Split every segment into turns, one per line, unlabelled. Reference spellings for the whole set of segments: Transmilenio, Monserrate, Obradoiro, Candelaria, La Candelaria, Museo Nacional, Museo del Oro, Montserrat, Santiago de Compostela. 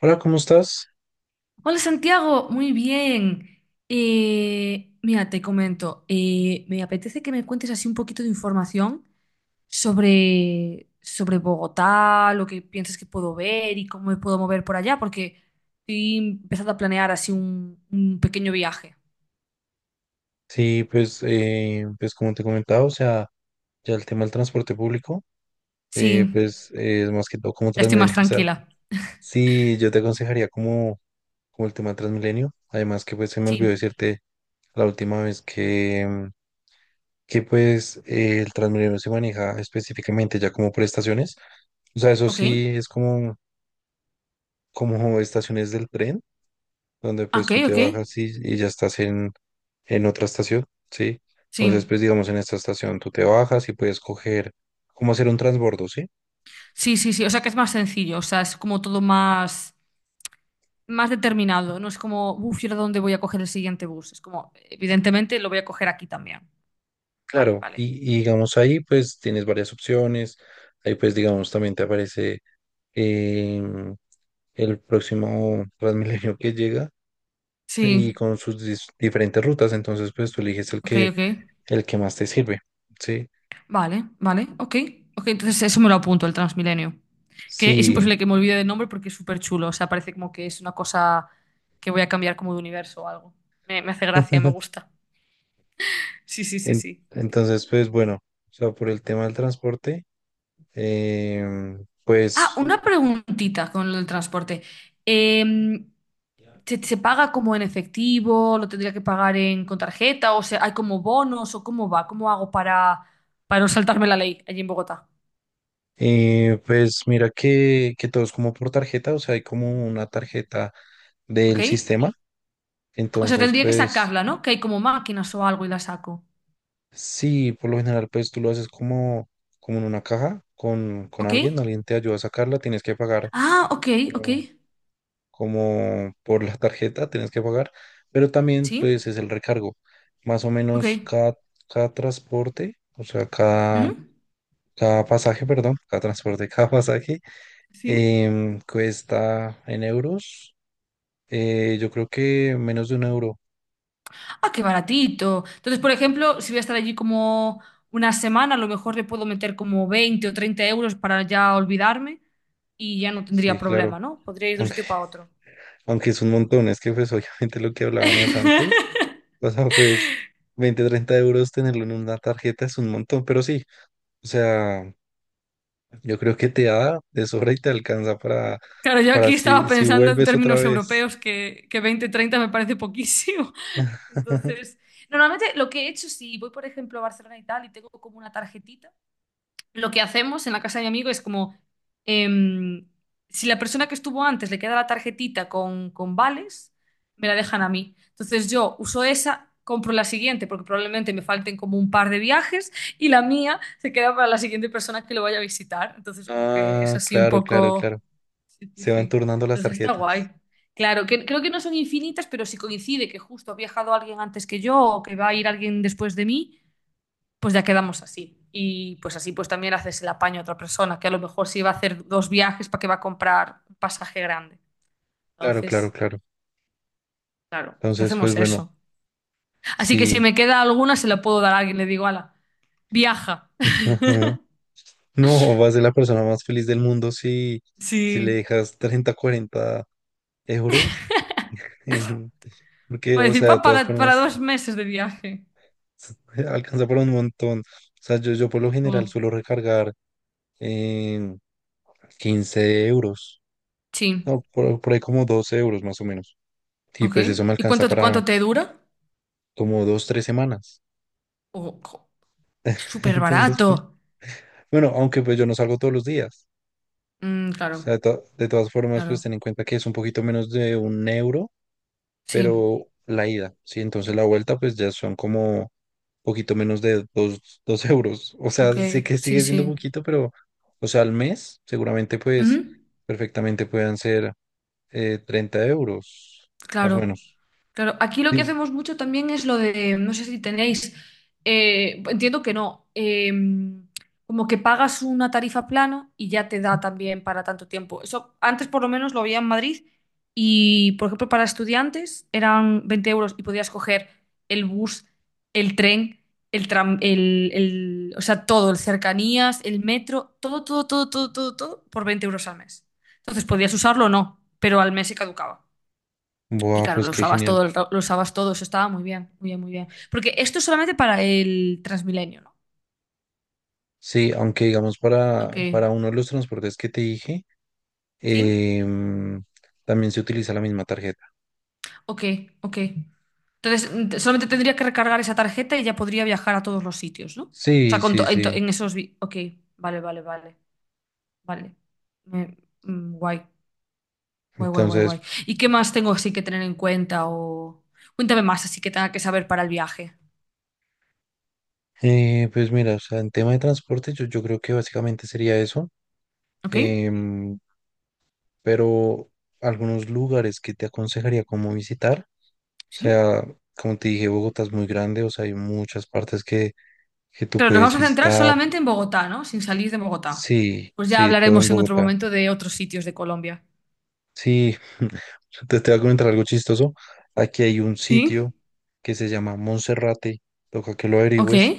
Hola, ¿cómo estás?
Hola Santiago, muy bien. Mira, te comento, me apetece que me cuentes así un poquito de información sobre Bogotá, lo que piensas que puedo ver y cómo me puedo mover por allá, porque estoy empezando a planear así un pequeño viaje.
Sí, pues, pues como te comentaba, o sea, ya el tema del transporte público,
Sí,
pues es más que todo como
ya estoy más
Transmilenio, o sea,
tranquila.
sí, yo te aconsejaría como, como el tema de Transmilenio, además que pues se me olvidó
Sí,
decirte la última vez que, que pues el Transmilenio se maneja específicamente ya como por estaciones, o sea, eso
ok,
sí es como, como estaciones del tren, donde pues
ok,
tú te
ok.
bajas y ya estás en otra estación, ¿sí?
Sí,
Entonces, pues digamos, en esta estación tú te bajas y puedes coger cómo hacer un transbordo, ¿sí?
sí, sí, sí, o sea que es más sencillo, o sea, es como todo más determinado. No es como, uff, ¿y ahora dónde voy a coger el siguiente bus? Es como, evidentemente lo voy a coger aquí también. Vale,
Claro,
vale.
y digamos ahí pues tienes varias opciones, ahí pues digamos también te aparece em, el próximo Transmilenio que llega y
Sí,
con sus diferentes rutas, entonces pues tú eliges
ok, ok.
el que más te sirve, ¿sí?
Vale, vale, ok. Ok, entonces eso me lo apunto, el Transmilenio. Que es
Sí,
imposible que me olvide del nombre porque es súper chulo. O sea, parece como que es una cosa que voy a cambiar como de universo o algo. Me hace gracia, me gusta. Sí, sí, sí,
en-
sí.
entonces pues bueno, o sea, por el tema del transporte,
Ah,
pues
una preguntita con el transporte. Em, se paga como en efectivo? ¿Lo tendría que pagar con tarjeta? ¿O sea, hay como bonos? ¿O cómo va? ¿Cómo hago para no saltarme la ley allí en Bogotá?
Pues mira que todo es como por tarjeta, o sea, hay como una tarjeta
¿Ok?
del sistema.
O sea,
Entonces,
tendría que
pues
sacarla, ¿no? Que hay como máquinas o algo y la saco.
sí, por lo general, pues tú lo haces como, como en una caja con
¿Ok?
alguien, alguien te ayuda a sacarla, tienes que pagar
Ah, ok, ok.
como, como por la tarjeta, tienes que pagar, pero también
Sí,
pues es el recargo. Más o
ok.
menos cada, cada transporte, o sea, cada,
¿Mm?
cada pasaje, perdón, cada transporte, cada pasaje,
¿Sí?
cuesta en euros. Yo creo que menos de un euro.
Ah, qué baratito. Entonces, por ejemplo, si voy a estar allí como una semana, a lo mejor le puedo meter como 20 o 30 euros para ya olvidarme y ya no tendría
Sí, claro.
problema, ¿no? Podría ir de un
Aunque,
sitio para otro.
aunque es un montón. Es que pues obviamente lo que hablábamos antes. O sea, pues 20 30 euros tenerlo en una tarjeta es un montón. Pero sí, o sea, yo creo que te da de sobra y te alcanza
Claro, yo
para
aquí estaba
si, si
pensando en
vuelves otra
términos
vez.
europeos que 20, 30 me parece poquísimo. Entonces, normalmente lo que he hecho, si voy, por ejemplo, a Barcelona y tal, y tengo como una tarjetita, lo que hacemos en la casa de mi amigo es como, em, si la persona que estuvo antes le queda la tarjetita con vales, me la dejan a mí. Entonces yo uso esa, compro la siguiente, porque probablemente me falten como un par de viajes, y la mía se queda para la siguiente persona que lo vaya a visitar. Entonces como que es
Ah,
así un
claro, claro,
poco.
claro.
Sí, sí,
Se van
sí.
turnando las
Entonces está
tarjetas.
guay. Claro, creo que no son infinitas, pero si coincide que justo ha viajado alguien antes que yo o que va a ir alguien después de mí, pues ya quedamos así. Y pues así pues también haces el apaño a otra persona, que a lo mejor sí va a hacer dos viajes para que va a comprar un pasaje grande.
Claro, claro,
Entonces,
claro.
claro, pues
Entonces, pues
hacemos
bueno,
eso. Así que si
sí.
me queda alguna, se la puedo dar a alguien. Le digo, ala, viaja.
No, vas a ser la persona más feliz del mundo si, si le
Sí.
dejas 30 40 euros. en- Porque,
Va a
o
decir,
sea,
pa,
de todas
para, para
formas,
2 meses de viaje.
se- alcanza para un montón. O sea, yo por lo general
Oh,
suelo recargar eh, 15 euros.
sí.
No, por ahí como 12 euros más o menos. Y
Ok.
pues eso me
¿Y
alcanza
cuánto,
para
cuánto te dura?
como dos, tres semanas.
Oh, jo, es súper
Entonces,
barato.
pues, bueno, aunque pues yo no salgo todos los días.
Mm,
O sea,
claro,
de, de todas formas, pues
claro.
ten en cuenta que es un poquito menos de un euro
Sí.
pero la ida, ¿sí? Entonces la vuelta pues ya son como poquito menos de dos, dos euros. O sea,
Ok,
sé que
sí,
sigue siendo
sí.
poquito, pero, o sea, al mes seguramente pues
Ujú.
perfectamente puedan ser 30 euros, más o
Claro,
menos.
claro. Aquí lo que
Sí.
hacemos mucho también es lo de, no sé si tenéis, entiendo que no, como que pagas una tarifa plano y ya te da también para tanto tiempo. Eso antes por lo menos lo había en Madrid y, por ejemplo, para estudiantes eran 20 euros y podías coger el bus, el tren, el tram, o sea, todo, el cercanías, el metro, todo, todo, todo, todo, todo, todo por 20 euros al mes. Entonces podías usarlo o no, pero al mes se caducaba. Y
Buah,
claro,
pues
lo
qué
usabas
genial.
todo, lo usabas todo, eso estaba muy bien, muy bien, muy bien. Porque esto es solamente para el Transmilenio, ¿no?
Sí, aunque digamos
Ok,
para uno de los transportes que te dije,
¿sí?
em, también se utiliza la misma tarjeta.
Ok, ok. Entonces, solamente tendría que recargar esa tarjeta y ya podría viajar a todos los sitios, ¿no? O sea,
Sí,
con
sí,
to- en, to-
sí.
en esos... vi- ok, vale, vale, vale, vale. Me- guay, guay, guay, guay,
Entonces,
guay. ¿Y qué más tengo así que tener en cuenta o...? Cuéntame más así que tenga que saber para el viaje,
pues mira, o sea, en tema de transporte, yo creo que básicamente sería eso.
¿ok?
Em, pero algunos lugares que te aconsejaría como visitar, o
¿Sí?
sea, como te dije, Bogotá es muy grande, o sea, hay muchas partes que tú
Pero nos vamos
puedes
a centrar
visitar.
solamente en Bogotá, ¿no? Sin salir de Bogotá.
Sí,
Pues ya
sí, todo en
hablaremos en otro
Bogotá.
momento de otros sitios de Colombia.
Sí, te voy a comentar algo chistoso. Aquí hay un
Sí.
sitio que se llama Monserrate, toca que lo
Ok,
averigües,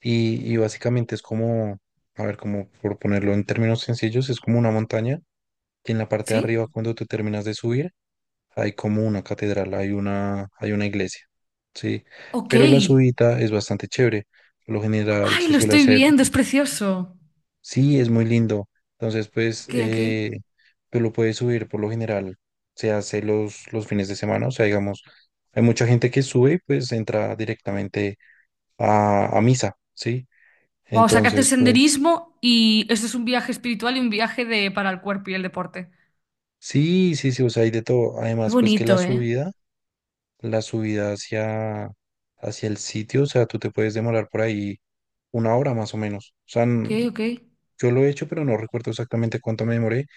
y básicamente es como, a ver, como por ponerlo en términos sencillos, es como una montaña que en la parte de
sí,
arriba, cuando te terminas de subir, hay como una catedral, hay una iglesia, ¿sí?
ok.
Pero la subida es bastante chévere. Por lo general
Ay,
se
lo
suele
estoy
hacer,
viendo, es precioso.
sí, es muy lindo. Entonces, pues,
Ok, ok.
tú lo puedes subir por lo general. Se hace los fines de semana, o sea, digamos, hay mucha gente que sube, pues entra directamente a misa, ¿sí?
Vamos, sacaste
Entonces, pues,
senderismo y esto es un viaje espiritual y un viaje para el cuerpo y el deporte.
sí, sí, sí, o sea, hay de todo.
Qué
Además, pues que
bonito, ¿eh?
la subida hacia, hacia el sitio, o sea, tú te puedes demorar por ahí una hora más o menos. O sea,
Ok, ok.
yo lo he hecho, pero no recuerdo exactamente cuánto me demoré.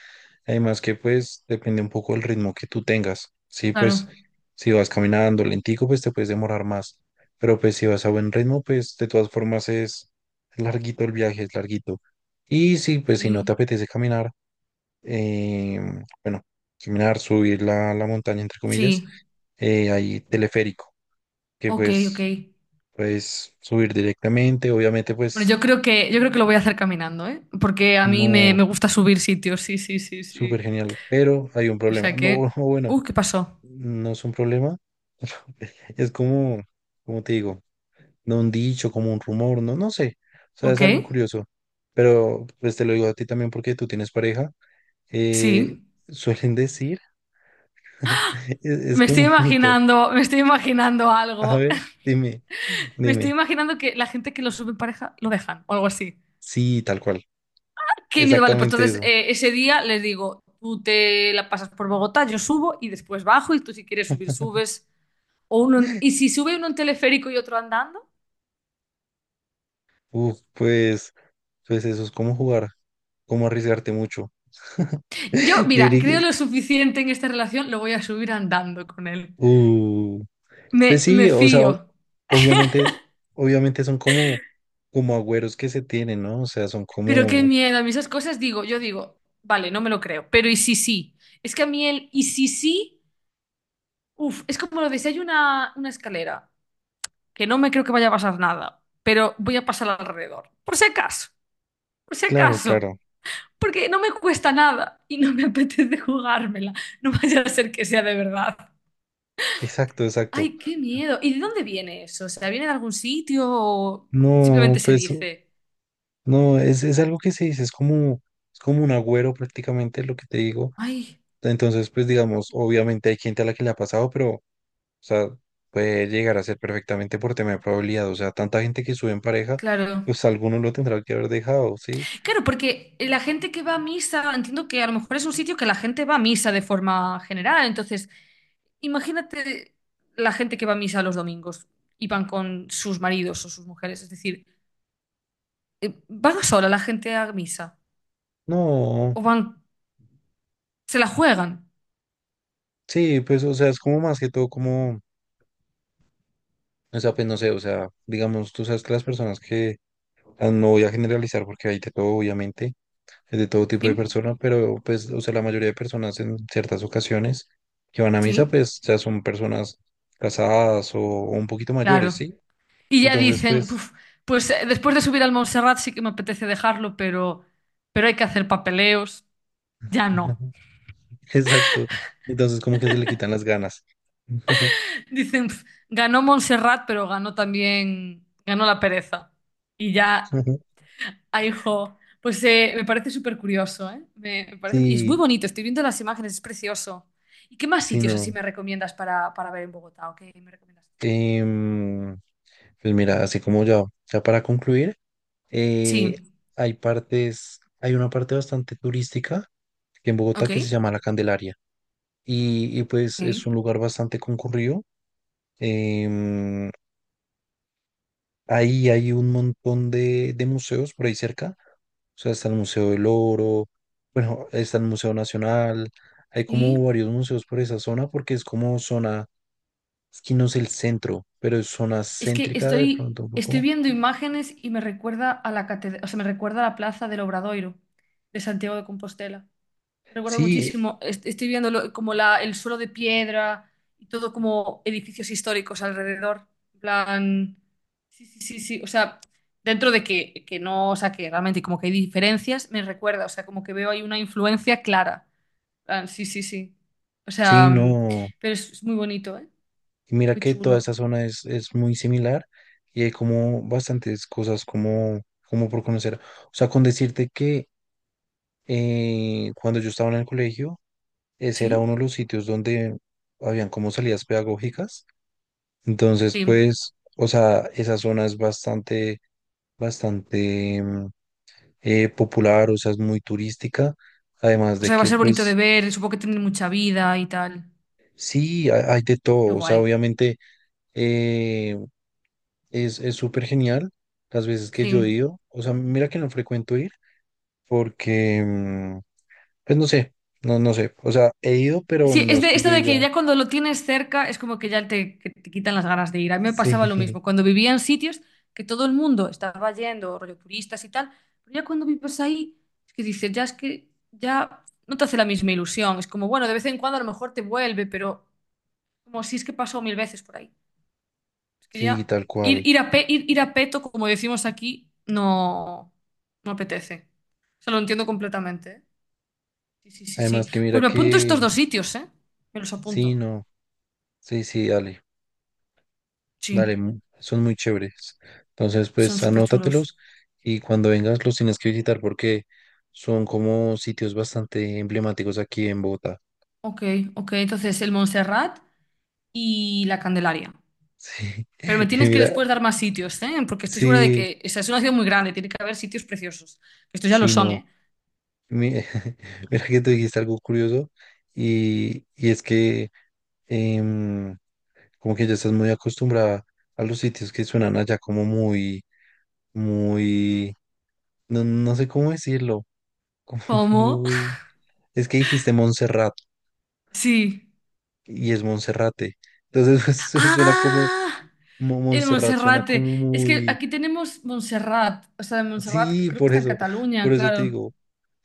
Además que pues depende un poco del ritmo que tú tengas. Sí, pues
Claro,
si vas caminando lentico, pues te puedes demorar más. Pero pues si vas a buen ritmo, pues de todas formas es larguito el viaje, es larguito. Y sí, pues si no te
sí,
apetece caminar, eh, bueno, caminar, subir la, la montaña, entre comillas,
sí.
hay teleférico que
Ok, ok.
pues puedes subir directamente, obviamente
Bueno,
pues
yo creo que lo voy a hacer caminando, ¿eh? Porque a mí me,
no,
me gusta subir sitios, sí, sí, sí,
súper
sí.
genial, pero hay un
O
problema.
sea
No,
que.
bueno,
¿Qué pasó?
no es un problema, es como, como te digo, no un dicho, como un rumor, no, no sé, o sea, es
Ok,
algo curioso, pero pues te lo digo a ti también porque tú tienes pareja, eh,
sí.
suelen decir, es
Me
como
estoy
un mito.
imaginando, me estoy imaginando
A
algo.
ver, dime,
Me estoy
dime,
imaginando que la gente que lo sube en pareja lo dejan o algo así.
sí, tal cual,
Qué miedo, vale. Pues
exactamente
entonces
eso.
ese día les digo, tú te la pasas por Bogotá, yo subo y después bajo y tú si quieres subir, subes. O y si sube uno en teleférico y otro andando.
Uf, pues, pues eso es como jugar, como arriesgarte mucho.
Yo,
Yo
mira,
diría,
creo lo suficiente en esta relación, lo voy a subir andando con él.
uh, pues
Me
sí, o sea,
fío.
obviamente, obviamente son como, como agüeros que se tienen, ¿no? O sea, son
Pero qué
como,
miedo, a mí esas cosas digo, yo digo, vale, no me lo creo, pero ¿y si sí? Es que a mí el ¿y si sí? Uf, es como lo de si hay una escalera, que no me creo que vaya a pasar nada, pero voy a pasar alrededor, por si
claro,
acaso,
claro,
porque no me cuesta nada y no me apetece jugármela, no vaya a ser que sea de verdad.
exacto, exacto.
Ay, qué miedo. ¿Y de dónde viene eso? O sea, ¿viene de algún sitio o
No,
simplemente se
pues,
dice?
no, es algo que se dice, es como un agüero prácticamente lo que te digo.
Ay,
Entonces, pues digamos, obviamente hay gente a la que le ha pasado, pero o sea, puede llegar a ser perfectamente por tema de probabilidad. O sea, tanta gente que sube en pareja,
claro.
pues alguno lo tendrá que haber dejado, ¿sí?
Claro, porque la gente que va a misa, entiendo que a lo mejor es un sitio que la gente va a misa de forma general. Entonces, imagínate la gente que va a misa los domingos y van con sus maridos o sus mujeres. Es decir, ¿van sola la gente a misa?
No,
¿O van, se la juegan?
sí, pues, o sea, es como más que todo como, o sea, pues no sé, o sea, digamos, tú sabes que las personas que, ah, no voy a generalizar porque hay de todo, obviamente, es de todo tipo de
¿Sí?
personas, pero pues, o sea, la mayoría de personas en ciertas ocasiones que van a misa,
Sí,
pues, ya son personas casadas o un poquito
claro.
mayores, ¿sí?
Y ya
Entonces,
dicen,
pues...
"Puf, pues después de subir al Montserrat sí que me apetece dejarlo, pero hay que hacer papeleos. Ya no.
Exacto. Entonces como que se le quitan las ganas.
Dicen, "Pf, ganó Montserrat, pero ganó también, ganó la pereza. Y ya, ay, jo. Pues me parece súper curioso, ¿eh? Me parece, y es muy
Sí,
bonito, estoy viendo las imágenes, es precioso. ¿Y qué más
sí,
sitios así
no.
me recomiendas para ver en Bogotá? ¿O qué me recomiendas hacer?
Em, pues mira, así como ya, ya para concluir, eh,
Sí,
hay partes, hay una parte bastante turística que en Bogotá
ok,
que se llama La Candelaria y
ok.
pues es un lugar bastante concurrido. Em, Ahí hay un montón de museos por ahí cerca. O sea, está el Museo del Oro, bueno, está el Museo Nacional. Hay
Sí,
como varios museos por esa zona porque es como zona, es que no es el centro, pero es zona
es que
céntrica de
estoy,
pronto un
estoy
poco.
viendo imágenes y me recuerda a la catedral, o sea, me recuerda a la plaza del Obradoiro de Santiago de Compostela. Recuerdo
Sí,
muchísimo, estoy viendo el suelo de piedra y todo como edificios históricos alrededor. En plan, sí, sí, sí, sí. O sea, dentro de que no, o sea, que realmente como que hay diferencias, me recuerda, o sea, como que veo ahí una influencia clara. En plan, sí, sí, sí. O sea,
sí, no.
pero es muy bonito, ¿eh?
Y
Es
mira
muy
que toda
chulo.
esta zona es muy similar y hay como bastantes cosas como, como por conocer. O sea, con decirte que cuando yo estaba en el colegio, ese era uno
Sí,
de los sitios donde habían como salidas pedagógicas. Entonces,
sí.
pues, o sea, esa zona es bastante, bastante popular, o sea, es muy turística. Además
O
de
sea, va a
que,
ser bonito de
pues,
ver, supongo que tiene mucha vida y tal.
sí, hay de todo.
Qué
O sea,
guay.
obviamente eh, es súper genial las veces que yo he
Sí.
ido. O sea, mira que no frecuento ir porque, pues, no sé, no, no sé. O sea, he ido, pero
Sí,
no
es
es
de
que
esto
yo
de que
diga,
ya cuando lo tienes cerca es como que que te quitan las ganas de ir. A mí me pasaba lo
sí,
mismo. Cuando vivía en sitios que todo el mundo estaba yendo, rollo turistas y tal, pero ya cuando vives ahí, es que dices, ya es que ya no te hace la misma ilusión. Es como, bueno, de vez en cuando a lo mejor te vuelve, pero como si es que pasó mil veces por ahí. Es que
sí,
ya
tal
ir,
cual.
ir a pe- ir, ir a peto, como decimos aquí, no, no apetece. O sea, lo entiendo completamente, ¿eh? Sí, sí, sí, sí.
Además que
Pues
mira
me apunto estos
que
dos sitios, ¿eh? Me los apunto.
sí, no, sí, sí, dale, dale,
Sí.
son muy chéveres. Entonces,
Son
pues
súper chulos.
anótatelos y cuando vengas los tienes que visitar porque son como sitios bastante emblemáticos aquí en Bogotá.
Ok, ok. Entonces, el Montserrat y la Candelaria.
Sí,
Pero me
y
tienes que
mira,
después dar más sitios, ¿eh? Porque estoy segura de
sí,
que, o sea, es una ciudad muy grande, tiene que haber sitios preciosos. Estos ya lo
sí,
son,
no.
¿eh?
Mi- Mira que tú dijiste algo curioso y es que em, como que ya estás muy acostumbrada a los sitios que suenan allá como muy, muy, no, no sé cómo decirlo como
¿Cómo?
muy... Es que dijiste Montserrat
Sí.
y es Monserrate. Entonces pues, suena como,
¡Ah!
como
El
Montserrat, suena
Monserrate.
como
Es que
muy...
aquí tenemos Montserrat. O sea, el Montserrat, que
Sí,
creo que está en Cataluña,
por eso te
claro.
digo. O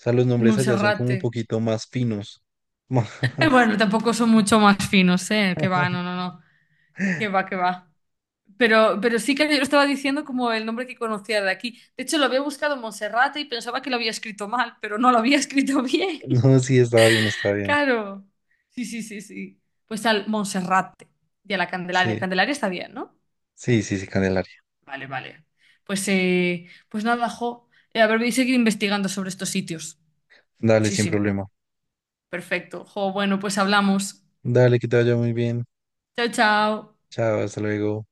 sea, los
El
nombres allá son como un
Monserrate.
poquito más finos.
Eh,
Más...
bueno, tampoco son mucho más finos, ¿eh? Que va, no, no, no. Que va, que va. Pero sí que yo estaba diciendo como el nombre que conocía de aquí. De hecho, lo había buscado en Monserrate y pensaba que lo había escrito mal, pero no lo había escrito bien.
No, sí, estaba bien, estaba bien.
Claro. Sí, sí, sí, sí. Pues al Monserrate y a la Candelaria.
Sí,
Candelaria está bien, ¿no?
sí, sí, sí, Candelaria.
Vale, vale. Pues nada, jo. A ver, voy a seguir investigando sobre estos sitios.
Dale,
Sí,
sin
sí.
problema.
Perfecto. Jo, bueno, pues hablamos.
Dale, que te vaya muy bien.
Chao, chao.
Chao, hasta luego.